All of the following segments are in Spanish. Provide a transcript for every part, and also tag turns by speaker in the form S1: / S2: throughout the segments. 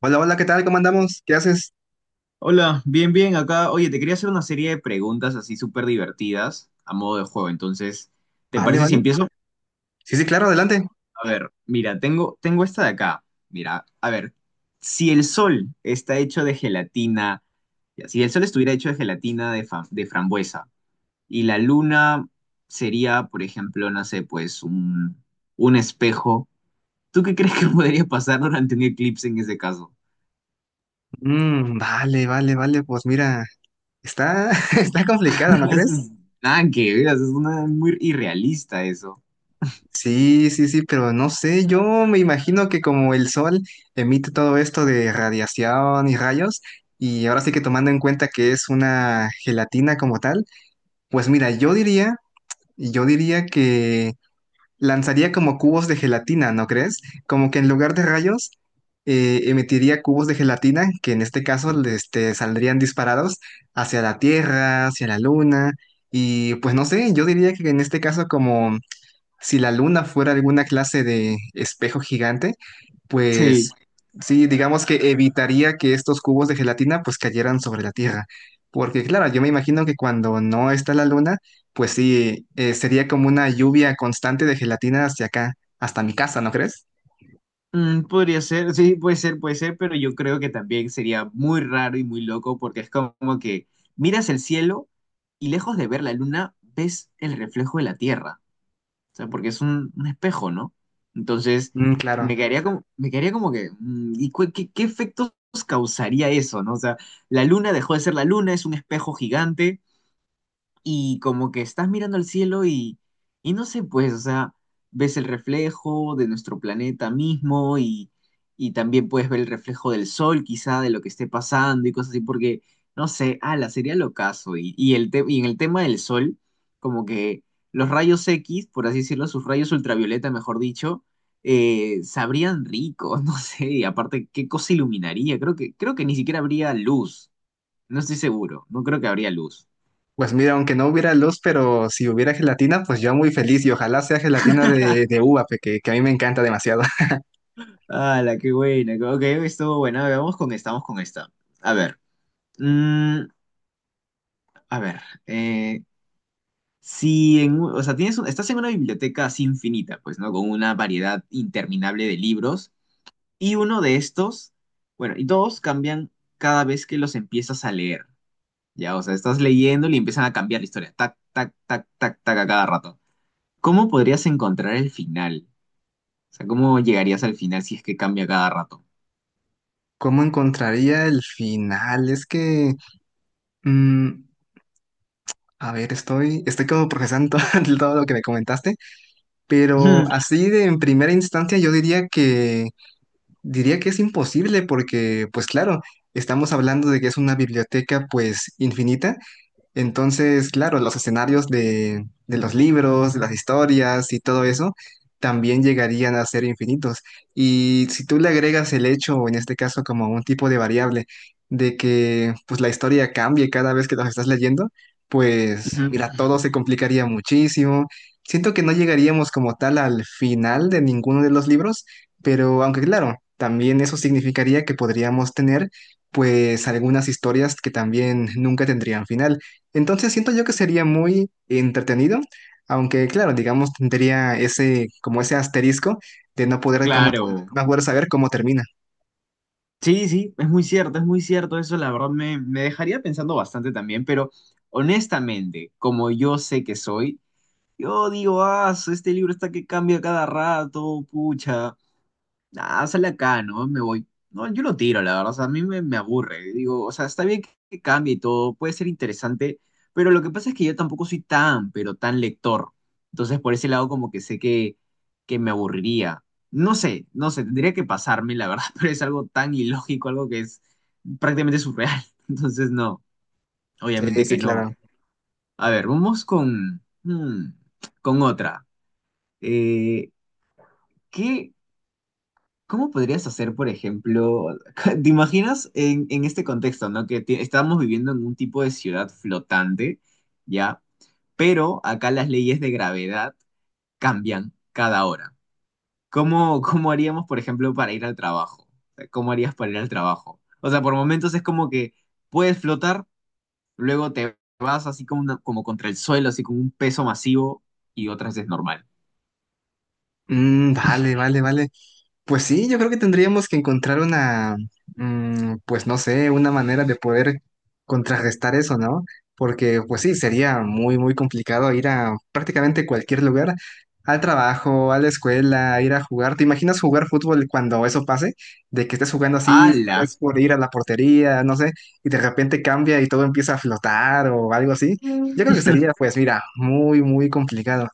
S1: Hola, hola, ¿qué tal? ¿Cómo andamos? ¿Qué haces?
S2: Hola, bien, bien, acá. Oye, te quería hacer una serie de preguntas así súper divertidas a modo de juego. Entonces, ¿te
S1: Vale,
S2: parece si
S1: vale.
S2: empiezo?
S1: Sí, sí, claro, adelante.
S2: A ver, mira, tengo esta de acá. Mira, a ver, si el sol está hecho de gelatina, ya, si el sol estuviera hecho de gelatina de, de frambuesa y la luna sería, por ejemplo, no sé, pues un espejo, ¿tú qué crees que podría pasar durante un eclipse en ese caso?
S1: Vale, vale, vale. Pues mira, está, está complicado, ¿no
S2: Eso
S1: crees?
S2: es- Nada que ver, eso es una, muy irrealista eso.
S1: Sí, sí, sí, pero no sé, yo me imagino que como el sol emite todo esto de radiación y rayos, y ahora sí que tomando en cuenta que es una gelatina como tal, pues mira, yo diría que lanzaría como cubos de gelatina, ¿no crees? Como que en lugar de rayos, emitiría cubos de gelatina que en este caso saldrían disparados hacia la Tierra, hacia la Luna. Y pues no sé, yo diría que en este caso como si la luna fuera alguna clase de espejo gigante,
S2: Sí.
S1: pues sí, digamos que evitaría que estos cubos de gelatina pues cayeran sobre la Tierra. Porque claro, yo me imagino que cuando no está la luna, pues sí, sería como una lluvia constante de gelatina hacia acá, hasta mi casa, ¿no crees?
S2: Mm, podría ser, sí, puede ser, pero yo creo que también sería muy raro y muy loco porque es como que miras el cielo y lejos de ver la luna ves el reflejo de la Tierra, o sea, porque es un espejo, ¿no? Entonces,
S1: Mm, claro.
S2: me quedaría como que, ¿y qué, qué efectos causaría eso, ¿no? O sea, la luna dejó de ser la luna, es un espejo gigante y como que estás mirando al cielo y no sé, pues, o sea, ves el reflejo de nuestro planeta mismo y también puedes ver el reflejo del sol, quizá, de lo que esté pasando y cosas así, porque, no sé, ala, sería locazo. Y, y en el tema del sol, como que los rayos X, por así decirlo, sus rayos ultravioleta, mejor dicho, sabrían ricos, no sé, y aparte, ¿qué cosa iluminaría? Creo que ni siquiera habría luz, no estoy seguro, no creo que habría luz.
S1: Pues mira, aunque no hubiera luz, pero si hubiera gelatina, pues yo muy feliz y ojalá sea gelatina de uva, que a mí me encanta demasiado.
S2: Ah, la qué buena. Ok, estuvo buena. A Vamos con esta. A ver. mm, a ver. eh, si en, o sea, estás en una biblioteca así infinita, pues, ¿no? Con una variedad interminable de libros. Y uno de estos, bueno, y todos cambian cada vez que los empiezas a leer. Ya, o sea, estás leyendo y empiezan a cambiar la historia. Tac, tac, tac, tac, tac a cada rato. ¿Cómo podrías encontrar el final? O sea, ¿cómo llegarías al final si es que cambia cada rato?
S1: ¿Cómo encontraría el final? Es que... mm, a ver, estoy, estoy como procesando todo, lo que me comentaste, pero así de en primera instancia yo diría que es imposible porque, pues claro, estamos hablando de que es una biblioteca pues infinita, entonces, claro, los escenarios de los libros, de las historias y todo eso también llegarían a ser infinitos. Y si tú le agregas el hecho, o en este caso como un tipo de variable, de que pues la historia cambie cada vez que los estás leyendo, pues
S2: Ujú,
S1: mira,
S2: ujú.
S1: todo se complicaría muchísimo. Siento que no llegaríamos como tal al final de ninguno de los libros, pero aunque claro, también eso significaría que podríamos tener pues algunas historias que también nunca tendrían final. Entonces siento yo que sería muy entretenido, aunque claro, digamos, tendría ese, como ese asterisco de no poder, cómo,
S2: Claro.
S1: no poder saber cómo termina.
S2: Sí, sí, es muy cierto eso, la verdad me dejaría pensando bastante también, pero honestamente, como yo sé que soy, yo digo, ah, este libro está que cambia cada rato, pucha, Ah, sale acá, ¿no? Me voy. No, yo lo tiro, la verdad. O sea, a me aburre. Digo, o sea, está bien que cambie y todo, puede ser interesante, pero lo que pasa es que yo tampoco soy tan, pero tan lector. Entonces, por ese lado, como que sé que me aburriría. No sé, no sé, tendría que pasarme, la verdad, pero es algo tan ilógico, algo que es prácticamente surreal. Entonces, no,
S1: Sí,
S2: obviamente
S1: sí,
S2: que no.
S1: claro.
S2: A ver, vamos con, con otra. Eh, ¿Qué? ¿Cómo podrías hacer, por ejemplo, te imaginas en este contexto, ¿no? Que estamos viviendo en un tipo de ciudad flotante, ¿ya? Pero acá las leyes de gravedad cambian cada hora. ¿Cómo, cómo haríamos, por ejemplo, para ir al trabajo? ¿Cómo harías para ir al trabajo? O sea, por momentos es como que puedes flotar, luego te vas así como, como contra el suelo, así con un peso masivo, y otras es normal.
S1: Vale, vale, vale. Pues sí, yo creo que tendríamos que encontrar una, pues no sé, una manera de poder contrarrestar eso, ¿no? Porque pues sí, sería muy, muy complicado ir a prácticamente cualquier lugar, al trabajo, a la escuela, ir a jugar. ¿Te imaginas jugar fútbol cuando eso pase? De que estés jugando así,
S2: ¡Hala!
S1: estés por ir a la portería, no sé, y de repente cambia y todo empieza a flotar o algo así. Yo creo que sería, pues mira, muy, muy complicado.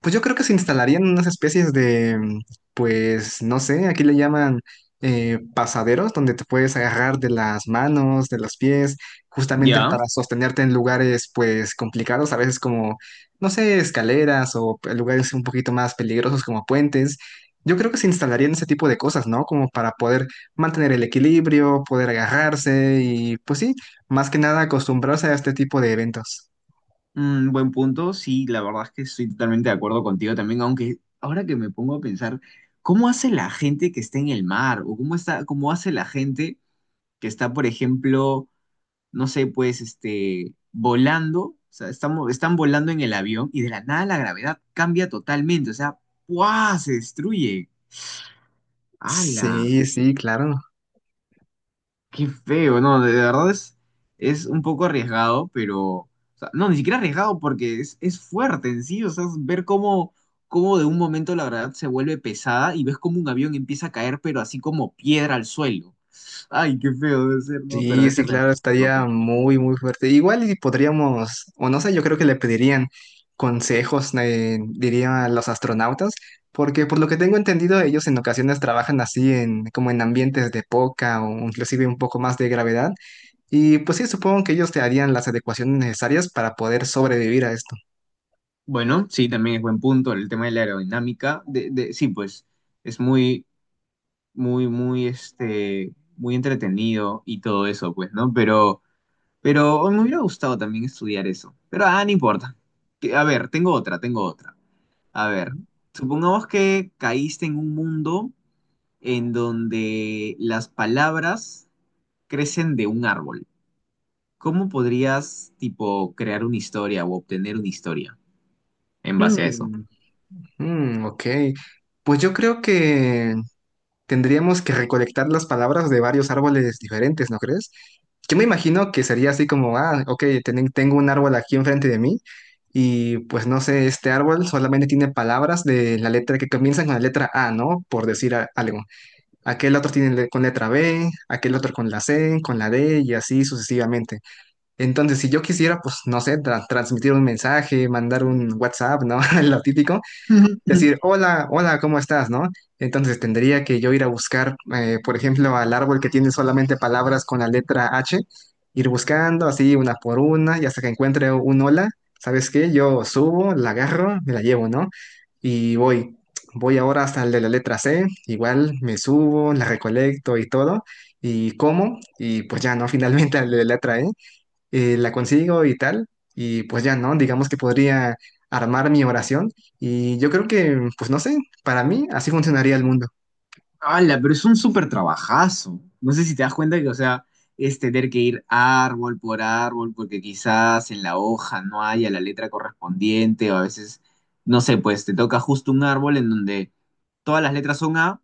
S1: Pues yo creo que se instalarían unas especies de, pues no sé, aquí le llaman pasaderos, donde te puedes agarrar de las manos, de los pies, justamente
S2: ¿Ya?
S1: para sostenerte en lugares pues complicados, a veces como, no sé, escaleras o lugares un poquito más peligrosos como puentes. Yo creo que se instalarían ese tipo de cosas, ¿no? Como para poder mantener el equilibrio, poder agarrarse y pues sí, más que nada acostumbrarse a este tipo de eventos.
S2: Mm, buen punto, sí, la verdad es que estoy totalmente de acuerdo contigo también, aunque ahora que me pongo a pensar, ¿cómo hace la gente que está en el mar? ¿O cómo está, cómo hace la gente que está, por ejemplo, no sé, pues, este, volando? O sea, estamos, están volando en el avión y de la nada la gravedad cambia totalmente, o sea, ¡buah! Se destruye. ¡Hala!
S1: Sí, sí, claro.
S2: Qué feo, no, de verdad es un poco arriesgado, pero, o sea, no, ni siquiera arriesgado porque es fuerte en sí, o sea, es ver cómo, cómo de un momento la gravedad se vuelve pesada y ves cómo un avión empieza a caer, pero así como piedra al suelo. Ay, qué feo debe ser, no, pero
S1: Sí,
S2: debe
S1: sí,
S2: ser también
S1: claro,
S2: súper
S1: estaría
S2: loco.
S1: muy, muy fuerte. Igual y podríamos, o no sé, yo creo que le pedirían consejos, diría a los astronautas, porque por lo que tengo entendido, ellos en ocasiones trabajan así en, como en ambientes de poca o inclusive un poco más de gravedad. Y pues sí, supongo que ellos te harían las adecuaciones necesarias para poder sobrevivir a esto.
S2: Bueno, sí, también es buen punto el tema de la aerodinámica, de, sí, pues, es muy, muy, muy, este, muy entretenido y todo eso, pues, ¿no? Pero me hubiera gustado también estudiar eso. Pero ah, no importa. A ver, tengo otra, tengo otra. A ver, supongamos que caíste en un mundo en donde las palabras crecen de un árbol. ¿Cómo podrías, tipo, crear una historia o obtener una historia en base a eso?
S1: Mm, ok. Pues yo creo que tendríamos que recolectar las palabras de varios árboles diferentes, ¿no crees? Yo me imagino que sería así como, ah, ok, tengo un árbol aquí enfrente de mí y pues no sé, este árbol solamente tiene palabras de la letra que comienzan con la letra A, ¿no? Por decir algo. Aquel otro tiene con letra B, aquel otro con la C, con la D y así sucesivamente. Entonces, si yo quisiera, pues no sé, transmitir un mensaje, mandar un WhatsApp, ¿no? Lo típico decir, hola, hola, ¿cómo estás? ¿No? Entonces tendría que yo ir a buscar, por ejemplo, al árbol que tiene solamente palabras con la letra H, ir buscando así una por una y hasta que encuentre un hola, ¿sabes qué? Yo subo, la agarro, me la llevo, ¿no? Y voy, voy ahora hasta el de la letra C, igual me subo, la recolecto y todo, y como, y pues ya, ¿no? Finalmente al de la letra E la consigo y tal, y pues ya, ¿no? Digamos que podría armar mi oración y yo creo que, pues no sé, para mí así funcionaría el mundo.
S2: Ala, pero es un súper trabajazo. No sé si te das cuenta que, o sea, es tener que ir árbol por árbol, porque quizás en la hoja no haya la letra correspondiente, o a veces, no sé, pues te toca justo un árbol en donde todas las letras son A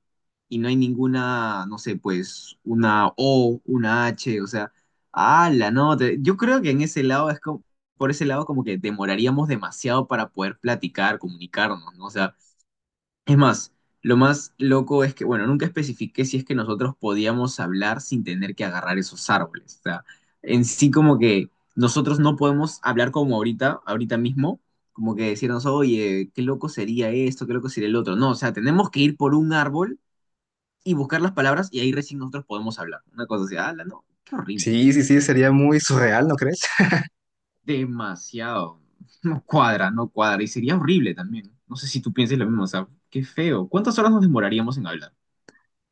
S2: y no hay ninguna, no sé, pues una O, una H, o sea, ala, no, yo creo que en ese lado es como, por ese lado como que demoraríamos demasiado para poder platicar, comunicarnos, ¿no? O sea, es más, lo más loco es que, bueno, nunca especifiqué si es que nosotros podíamos hablar sin tener que agarrar esos árboles. O sea, en sí como que nosotros no podemos hablar como ahorita, ahorita mismo, como que decirnos, oye, qué loco sería esto, qué loco sería el otro. No, o sea, tenemos que ir por un árbol y buscar las palabras y ahí recién nosotros podemos hablar. Una cosa así, ala, no, qué horrible.
S1: Sí, sí, sí, sería muy surreal, ¿no crees?
S2: Demasiado. No cuadra, no cuadra. Y sería horrible también. No sé si tú piensas lo mismo, o sea, qué feo. ¿Cuántas horas nos demoraríamos en hablar?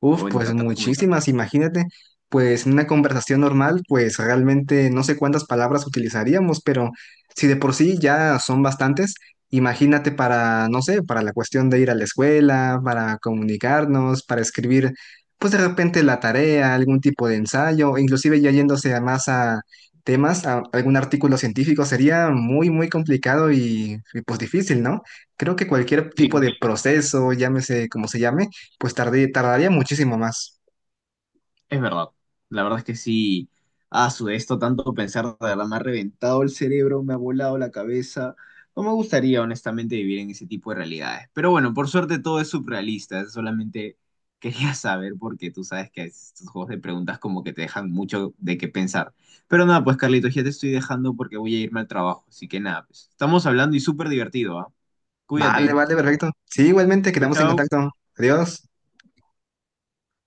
S1: Uf,
S2: O en
S1: pues
S2: tratar de comunicarnos.
S1: muchísimas, imagínate, pues en una conversación normal, pues realmente no sé cuántas palabras utilizaríamos, pero si de por sí ya son bastantes, imagínate para, no sé, para la cuestión de ir a la escuela, para comunicarnos, para escribir, pues de repente la tarea, algún tipo de ensayo, o inclusive ya yéndose a más a temas, a algún artículo científico, sería muy, muy complicado y pues difícil, ¿no? Creo que cualquier tipo de
S2: Sí,
S1: proceso, llámese como se llame, pues tardaría muchísimo más.
S2: es verdad. La verdad es que sí, a su esto tanto pensar, de verdad, me ha reventado el cerebro, me ha volado la cabeza. No me gustaría, honestamente, vivir en ese tipo de realidades. Pero bueno, por suerte todo es surrealista. Solamente quería saber porque tú sabes que estos juegos de preguntas como que te dejan mucho de qué pensar. Pero nada, pues Carlitos, ya te estoy dejando porque voy a irme al trabajo. Así que nada, pues estamos hablando y súper divertido, ¿ah?
S1: Vale,
S2: Cuídate.
S1: vale, perfecto. Sí, igualmente,
S2: Chao,
S1: quedamos en
S2: chao.
S1: contacto. Adiós.